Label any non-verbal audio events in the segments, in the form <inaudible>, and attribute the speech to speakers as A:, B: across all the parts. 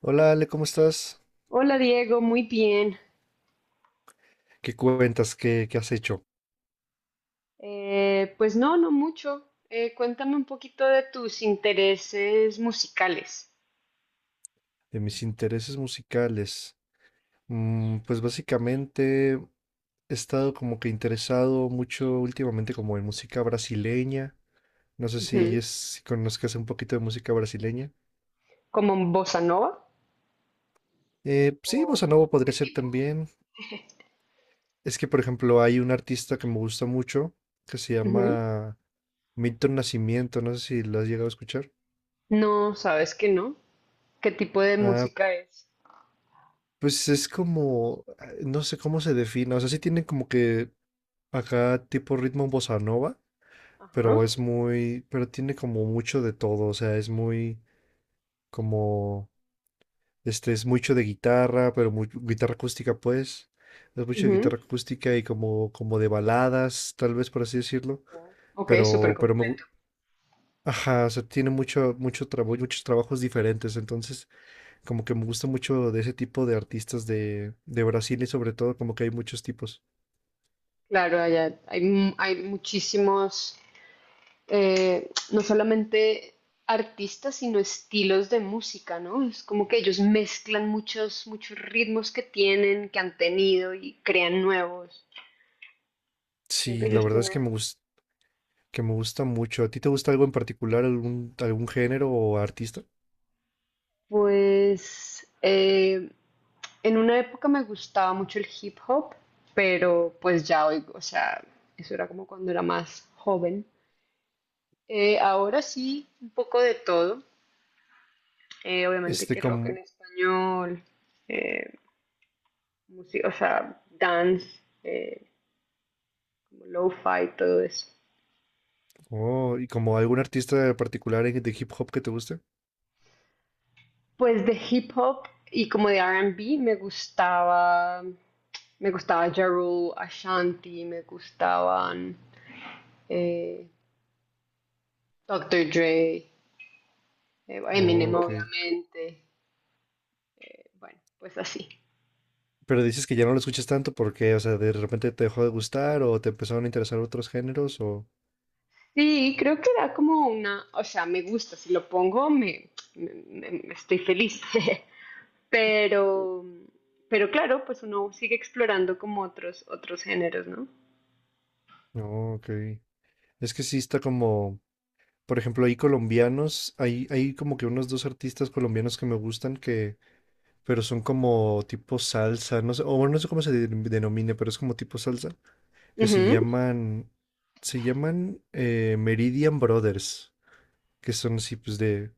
A: Hola Ale, ¿cómo estás?
B: Hola Diego, muy bien.
A: ¿Qué cuentas? ¿Qué has hecho?
B: Pues no mucho. Cuéntame un poquito de tus intereses musicales.
A: De mis intereses musicales. Pues básicamente he estado como que interesado mucho últimamente como en música brasileña. No sé si,
B: Ujú.
A: es, si conozcas un poquito de música brasileña.
B: <laughs> ¿Como bossa nova? ¿O,
A: Sí, bossa nova
B: o qué
A: podría ser
B: tipo?
A: también. Es que, por ejemplo, hay un artista que me gusta mucho que se
B: Ujú.
A: llama Milton Nascimento. No sé si lo has llegado a escuchar.
B: No, sabes que no. ¿Qué tipo de
A: Ah,
B: música es?
A: pues es como, no sé cómo se define, o sea, sí tiene como que acá tipo ritmo bossa nova,
B: Ajá.
A: pero es muy, pero tiene como mucho de todo, o sea, es muy como, es mucho de guitarra, pero muy, guitarra acústica pues, es mucho de
B: Ujú.
A: guitarra acústica y como, como de baladas, tal vez por así decirlo,
B: Ok, súper
A: pero
B: completo.
A: ajá, o sea, tiene mucho trabajo, muchos trabajos diferentes, entonces como que me gusta mucho de ese tipo de artistas de Brasil y sobre todo como que hay muchos tipos.
B: Claro, allá hay muchísimos. No solamente artistas, sino estilos de música, ¿no? Es como que ellos mezclan muchos ritmos que tienen, que han tenido y crean nuevos. Creo que
A: Sí, la
B: ellos
A: verdad es
B: tienen.
A: que me gusta, que me gusta mucho. ¿A ti te gusta algo en particular, algún género o artista?
B: Pues en una época me gustaba mucho el hip hop, pero pues ya oigo, o sea, eso era como cuando era más joven. Ahora sí, un poco de todo. Obviamente
A: Este
B: que rock en
A: como,
B: español, eh, música, o sea, dance, como lo-fi, todo eso.
A: oh, y como algún artista particular de hip hop que te guste.
B: Pues de hip hop y como de R&B me gustaba Ja Rule, Ashanti, me gustaban eh, Dr. Dre,
A: Oh,
B: Eminem
A: ok.
B: obviamente, bueno, pues así.
A: Pero dices que ya no lo escuchas tanto porque, o sea, de repente te dejó de gustar o te empezaron a interesar otros géneros o...
B: Sí, creo que da como una, o sea, me gusta, si lo pongo me estoy feliz, <laughs> pero, pero claro, pues uno sigue explorando como otros géneros, ¿no?
A: No, ok. Es que sí está como, por ejemplo, hay colombianos, hay como que unos dos artistas colombianos que me gustan que, pero son como tipo salsa, no sé, o bueno, no sé cómo denomine, pero es como tipo salsa, que
B: Ujú.
A: se llaman Meridian Brothers, que son así pues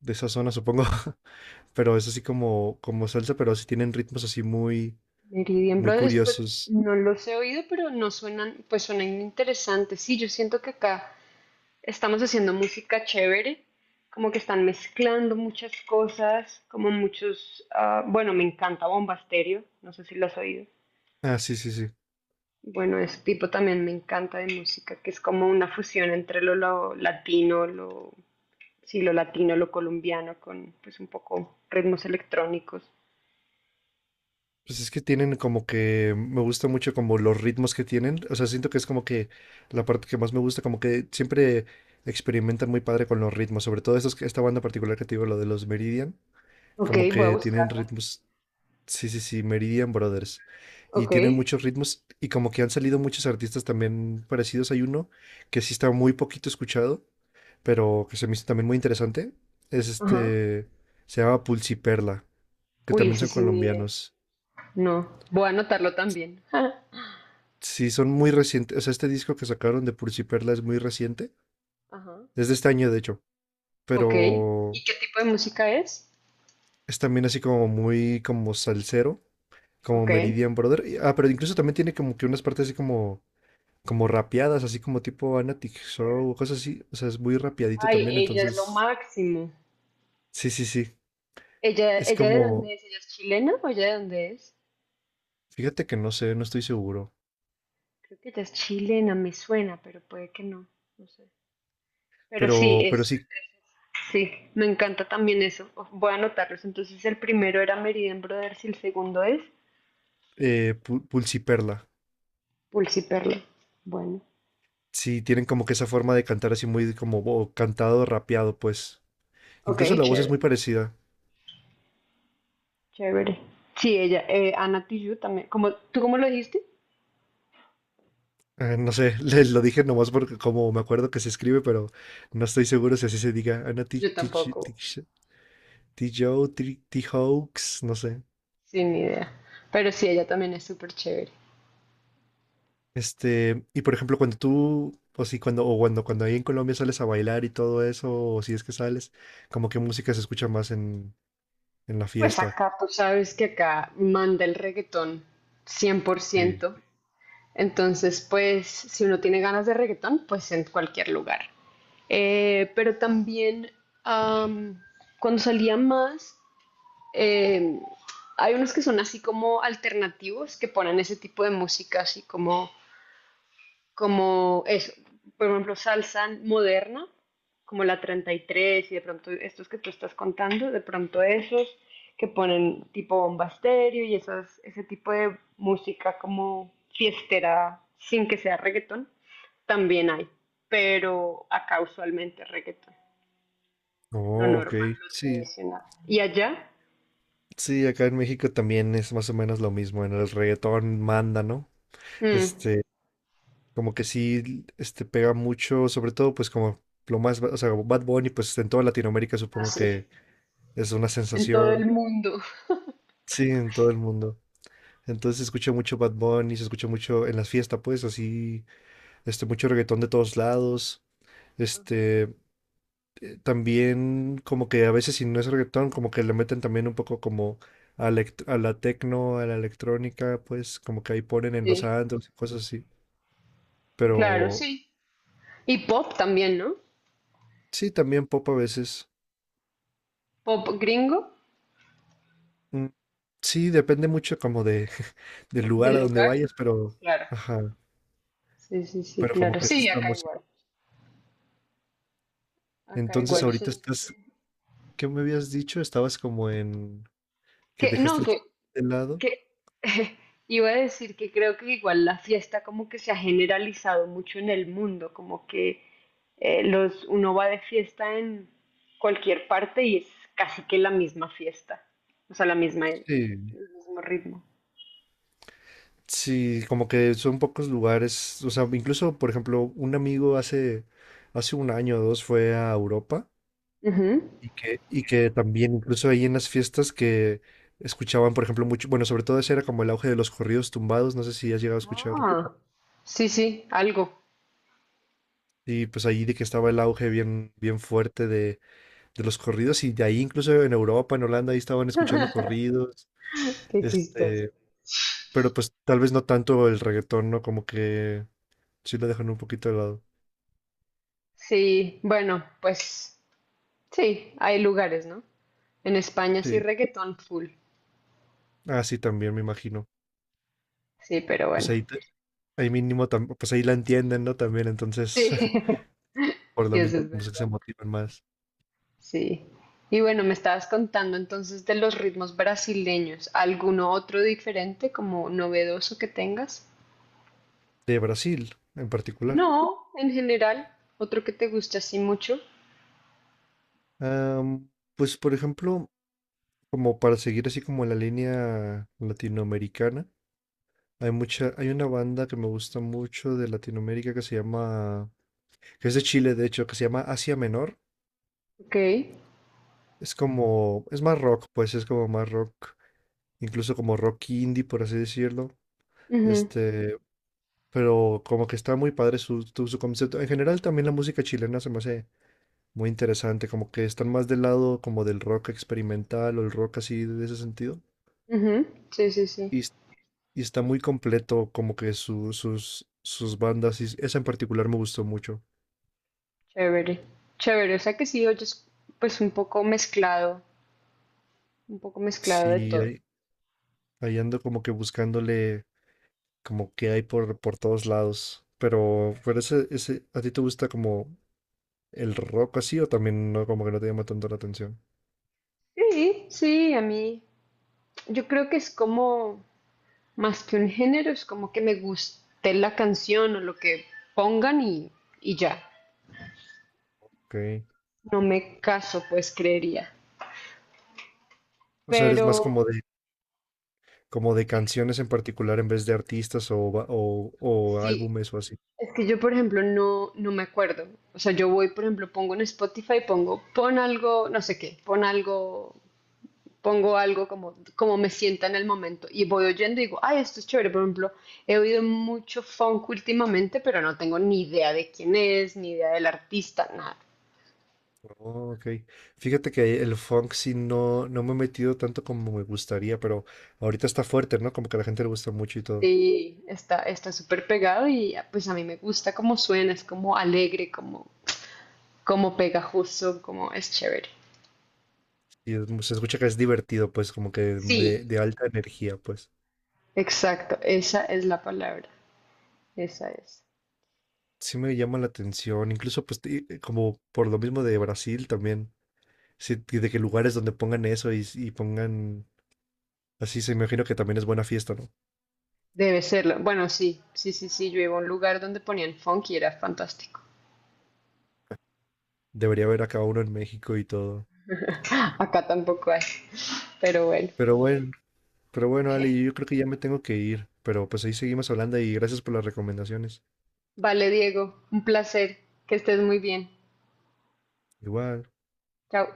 A: de esa zona, supongo. <laughs> Pero es así como, como salsa, pero así tienen ritmos así muy,
B: Meridian
A: muy
B: Brothers, pues
A: curiosos.
B: no los he oído, pero no suenan, pues suenan interesantes. Sí, yo siento que acá estamos haciendo música chévere, como que están mezclando muchas cosas, como muchos, ah, bueno, me encanta Bomba Estéreo, no sé si lo has oído.
A: Ah, sí, sí, sí.
B: Bueno, ese tipo también me encanta de música, que es como una fusión entre lo latino, sí, lo latino, lo colombiano, con pues un poco ritmos electrónicos.
A: Pues es que tienen como que me gusta mucho como los ritmos que tienen. O sea, siento que es como que la parte que más me gusta, como que siempre experimentan muy padre con los ritmos. Sobre todo estos, esta banda particular que te digo, lo de los Meridian,
B: Ok,
A: como
B: voy a
A: que tienen
B: buscarla.
A: ritmos. Sí, sí, sí, Meridian Brothers. Y
B: Ok,
A: tienen muchos ritmos y como que han salido muchos artistas también parecidos. Hay uno que sí está muy poquito escuchado, pero que se me hizo también muy interesante. Es
B: ajá.
A: este, se llama Pulsiperla, que
B: Uy,
A: también
B: ese
A: son
B: sí ni idea.
A: colombianos.
B: No, voy a anotarlo también. <laughs>
A: Sí, son muy recientes. O sea, este disco que sacaron de Pursi Perla es muy reciente.
B: Ajá.
A: Es de este año, de hecho.
B: Ok.
A: Pero
B: ¿Y qué tipo de música es?
A: es también así como muy como salsero, como
B: Ok.
A: Meridian Brother. Ah, pero incluso también tiene como que unas partes así como, como rapeadas, así como tipo Anatic
B: Chévere.
A: Show, cosas así. O sea, es muy rapeadito
B: Ay,
A: también.
B: ella es lo
A: Entonces,
B: máximo.
A: sí, sí, sí.
B: ¿Ella,
A: Es
B: ella de
A: como,
B: dónde es? ¿Ella es chilena o ella de dónde es?
A: fíjate que no sé, no estoy seguro.
B: Creo que ella es chilena, me suena, pero puede que no. No sé. Pero sí,
A: Pero
B: es,
A: sí,
B: sí, me encanta también eso. Oh, voy a anotarlos. Entonces, el primero era Meridian Brothers y el segundo es
A: Pulsi Perla.
B: Pulsi Perla. Bueno,
A: Sí, tienen como que esa forma de cantar así muy como cantado, rapeado, pues. Incluso
B: ok,
A: la voz es muy
B: chévere.
A: parecida.
B: Chévere. Sí, ella, Ana Tijoux también. ¿Tú cómo lo dijiste?
A: No sé, <laughs> lo dije nomás porque como me acuerdo que se escribe, pero no estoy seguro si así se diga. Ana
B: Yo tampoco,
A: Joe, Hawks, no sé.
B: sin idea. Pero sí, ella también es súper chévere.
A: Este, y por ejemplo, cuando tú, o si cuando, o cuando, cuando ahí en Colombia sales a bailar y todo eso, o si es que sales, como que música se escucha más en la
B: Pues
A: fiesta.
B: acá, tú sabes que acá manda el reggaetón
A: Sí.
B: 100%. Entonces, pues, si uno tiene ganas de reggaetón, pues en cualquier lugar. Pero también, am, cuando salía más, eh, hay unos que son así como alternativos, que ponen ese tipo de música así como eso, por ejemplo, salsa moderna, como la 33 y tres y de pronto estos que tú estás contando, de pronto esos que ponen tipo bomba estéreo y esas, ese tipo de música como fiestera sin que sea reggaetón, también hay, pero acá usualmente reggaetón, lo
A: Oh,
B: normal,
A: ok.
B: lo
A: Sí,
B: tradicional. ¿Y allá?
A: sí, acá en México también es más o menos lo mismo. En el reggaetón manda, ¿no?
B: Mm,
A: Este, como que sí, este pega mucho, sobre todo, pues como lo más, o sea, Bad Bunny, pues en toda Latinoamérica supongo
B: Así,
A: que es una
B: en todo el
A: sensación.
B: mundo.
A: Sí, en todo el mundo. Entonces se escucha mucho Bad Bunny, se escucha mucho en las fiestas, pues así, este, mucho reggaetón de todos lados. Este, también como que a veces si no es reggaetón, como que le meten también un poco como a la tecno, a la electrónica, pues como que ahí ponen en los
B: Sí,
A: antros y cosas así. Pero
B: claro, sí. Y pop también, ¿no?
A: sí, también pop a veces.
B: Pop gringo
A: Mm, sí, depende mucho como de, <laughs> del lugar
B: del
A: a donde
B: lugar.
A: vayas, pero,
B: Claro.
A: ajá,
B: Sí, sí, sí,
A: pero como
B: claro.
A: que esa es
B: Sí,
A: la
B: acá
A: música.
B: igual. Acá
A: Entonces
B: igual. Yo
A: ahorita
B: siento que,
A: estás, ¿qué me habías dicho? Estabas como en, que
B: que no,
A: dejaste el hip
B: que,
A: hop de lado.
B: que <laughs> iba a decir que creo que igual la fiesta como que se ha generalizado mucho en el mundo, como que uno va de fiesta en cualquier parte y es casi que la misma fiesta, o sea, la misma, el
A: Sí.
B: mismo ritmo.
A: Sí, como que son pocos lugares, o sea, incluso, por ejemplo, un amigo hace un año o dos fue a Europa
B: Ujú.
A: y que también incluso ahí en las fiestas que escuchaban, por ejemplo, mucho, bueno, sobre todo ese era como el auge de los corridos tumbados, no sé si has llegado a escuchar,
B: Ah, sí, sí, algo.
A: y pues ahí de que estaba el auge bien, bien fuerte de los corridos y de ahí incluso en Europa, en Holanda, ahí estaban escuchando corridos,
B: Qué chistoso.
A: este, pero pues tal vez no tanto el reggaetón, ¿no? Como que sí lo dejan un poquito de lado.
B: Sí, bueno, pues sí, hay lugares, ¿no? En España sí,
A: Sí.
B: reggaetón full.
A: Ah, sí, también me imagino.
B: Sí, pero
A: Pues
B: bueno.
A: ahí, ahí mínimo, pues ahí la entienden, ¿no? También, entonces,
B: Sí,
A: <laughs>
B: <laughs>
A: por
B: sí,
A: lo mismo,
B: eso es
A: como que se
B: verdad.
A: motivan más.
B: Sí. Y bueno, me estabas contando entonces de los ritmos brasileños. ¿Alguno otro diferente, como novedoso que tengas?
A: De Brasil, en particular.
B: No, en general. Otro que te guste así mucho.
A: Am, pues, por ejemplo, como para seguir así como la línea latinoamericana, hay mucha, hay una banda que me gusta mucho de Latinoamérica que se llama, que es de Chile, de hecho, que se llama Asia Menor.
B: Ok.
A: Es como, es más rock, pues es como más rock incluso como rock indie, por así decirlo.
B: Ujú,
A: Este, pero como que está muy padre su concepto. En general también la música chilena se me hace muy interesante, como que están más del lado como del rock experimental o el rock así de ese sentido.
B: ujú. Sí, sí, sí.
A: Y, es- y está muy completo como que sus bandas, y esa en particular me gustó mucho.
B: Chévere. Chévere. O sea que sí oyes pues un poco mezclado de
A: Sí,
B: todo.
A: ahí ando como que buscándole como que hay por todos lados. Pero ese, ¿a ti te gusta como el rock así o también no, como que no te llama tanto la atención?
B: Sí, sí, a mí. Yo creo que es como. Más que un género, es como que me guste la canción o lo que pongan y ya.
A: Ok.
B: No me caso, pues creería.
A: O sea, eres más
B: Pero
A: como de, como de canciones en particular en vez de artistas o o
B: sí,
A: álbumes o así.
B: es que yo, por ejemplo, no me acuerdo. O sea, yo voy, por ejemplo, pongo en Spotify, pon algo, no sé qué, pon algo, pongo algo como me sienta en el momento. Y voy oyendo y digo, ay, esto es chévere. Por ejemplo, he oído mucho funk últimamente, pero no tengo ni idea de quién es, ni idea del artista, nada.
A: Oh, ok. Fíjate que el funk sí no, no me he metido tanto como me gustaría, pero ahorita está fuerte, ¿no? Como que a la gente le gusta mucho y todo.
B: Sí, está súper pegado y ah, pues a mí me gusta cómo suena, es como alegre, como pegajoso, como es chévere.
A: Se escucha que es divertido, pues, como que
B: Sí,
A: de alta energía, pues.
B: exacto, esa es la palabra, esa es.
A: Sí me llama la atención, incluso pues como por lo mismo de Brasil también. Sí, y de que lugares donde pongan eso y pongan así, se imagino que también es buena fiesta, ¿no?
B: Debe serlo. Bueno, sí, sí, sí, sí, yo iba a un lugar donde ponían funk y era fantástico.
A: Debería haber acá uno en México y todo.
B: Acá tampoco hay, pero bueno.
A: Pero bueno. Pero bueno, Ale, yo
B: <laughs>
A: creo que ya me tengo que ir, pero pues ahí seguimos hablando y gracias por las recomendaciones.
B: Vale, Diego, un placer, que estés muy bien.
A: Igual.
B: Chao.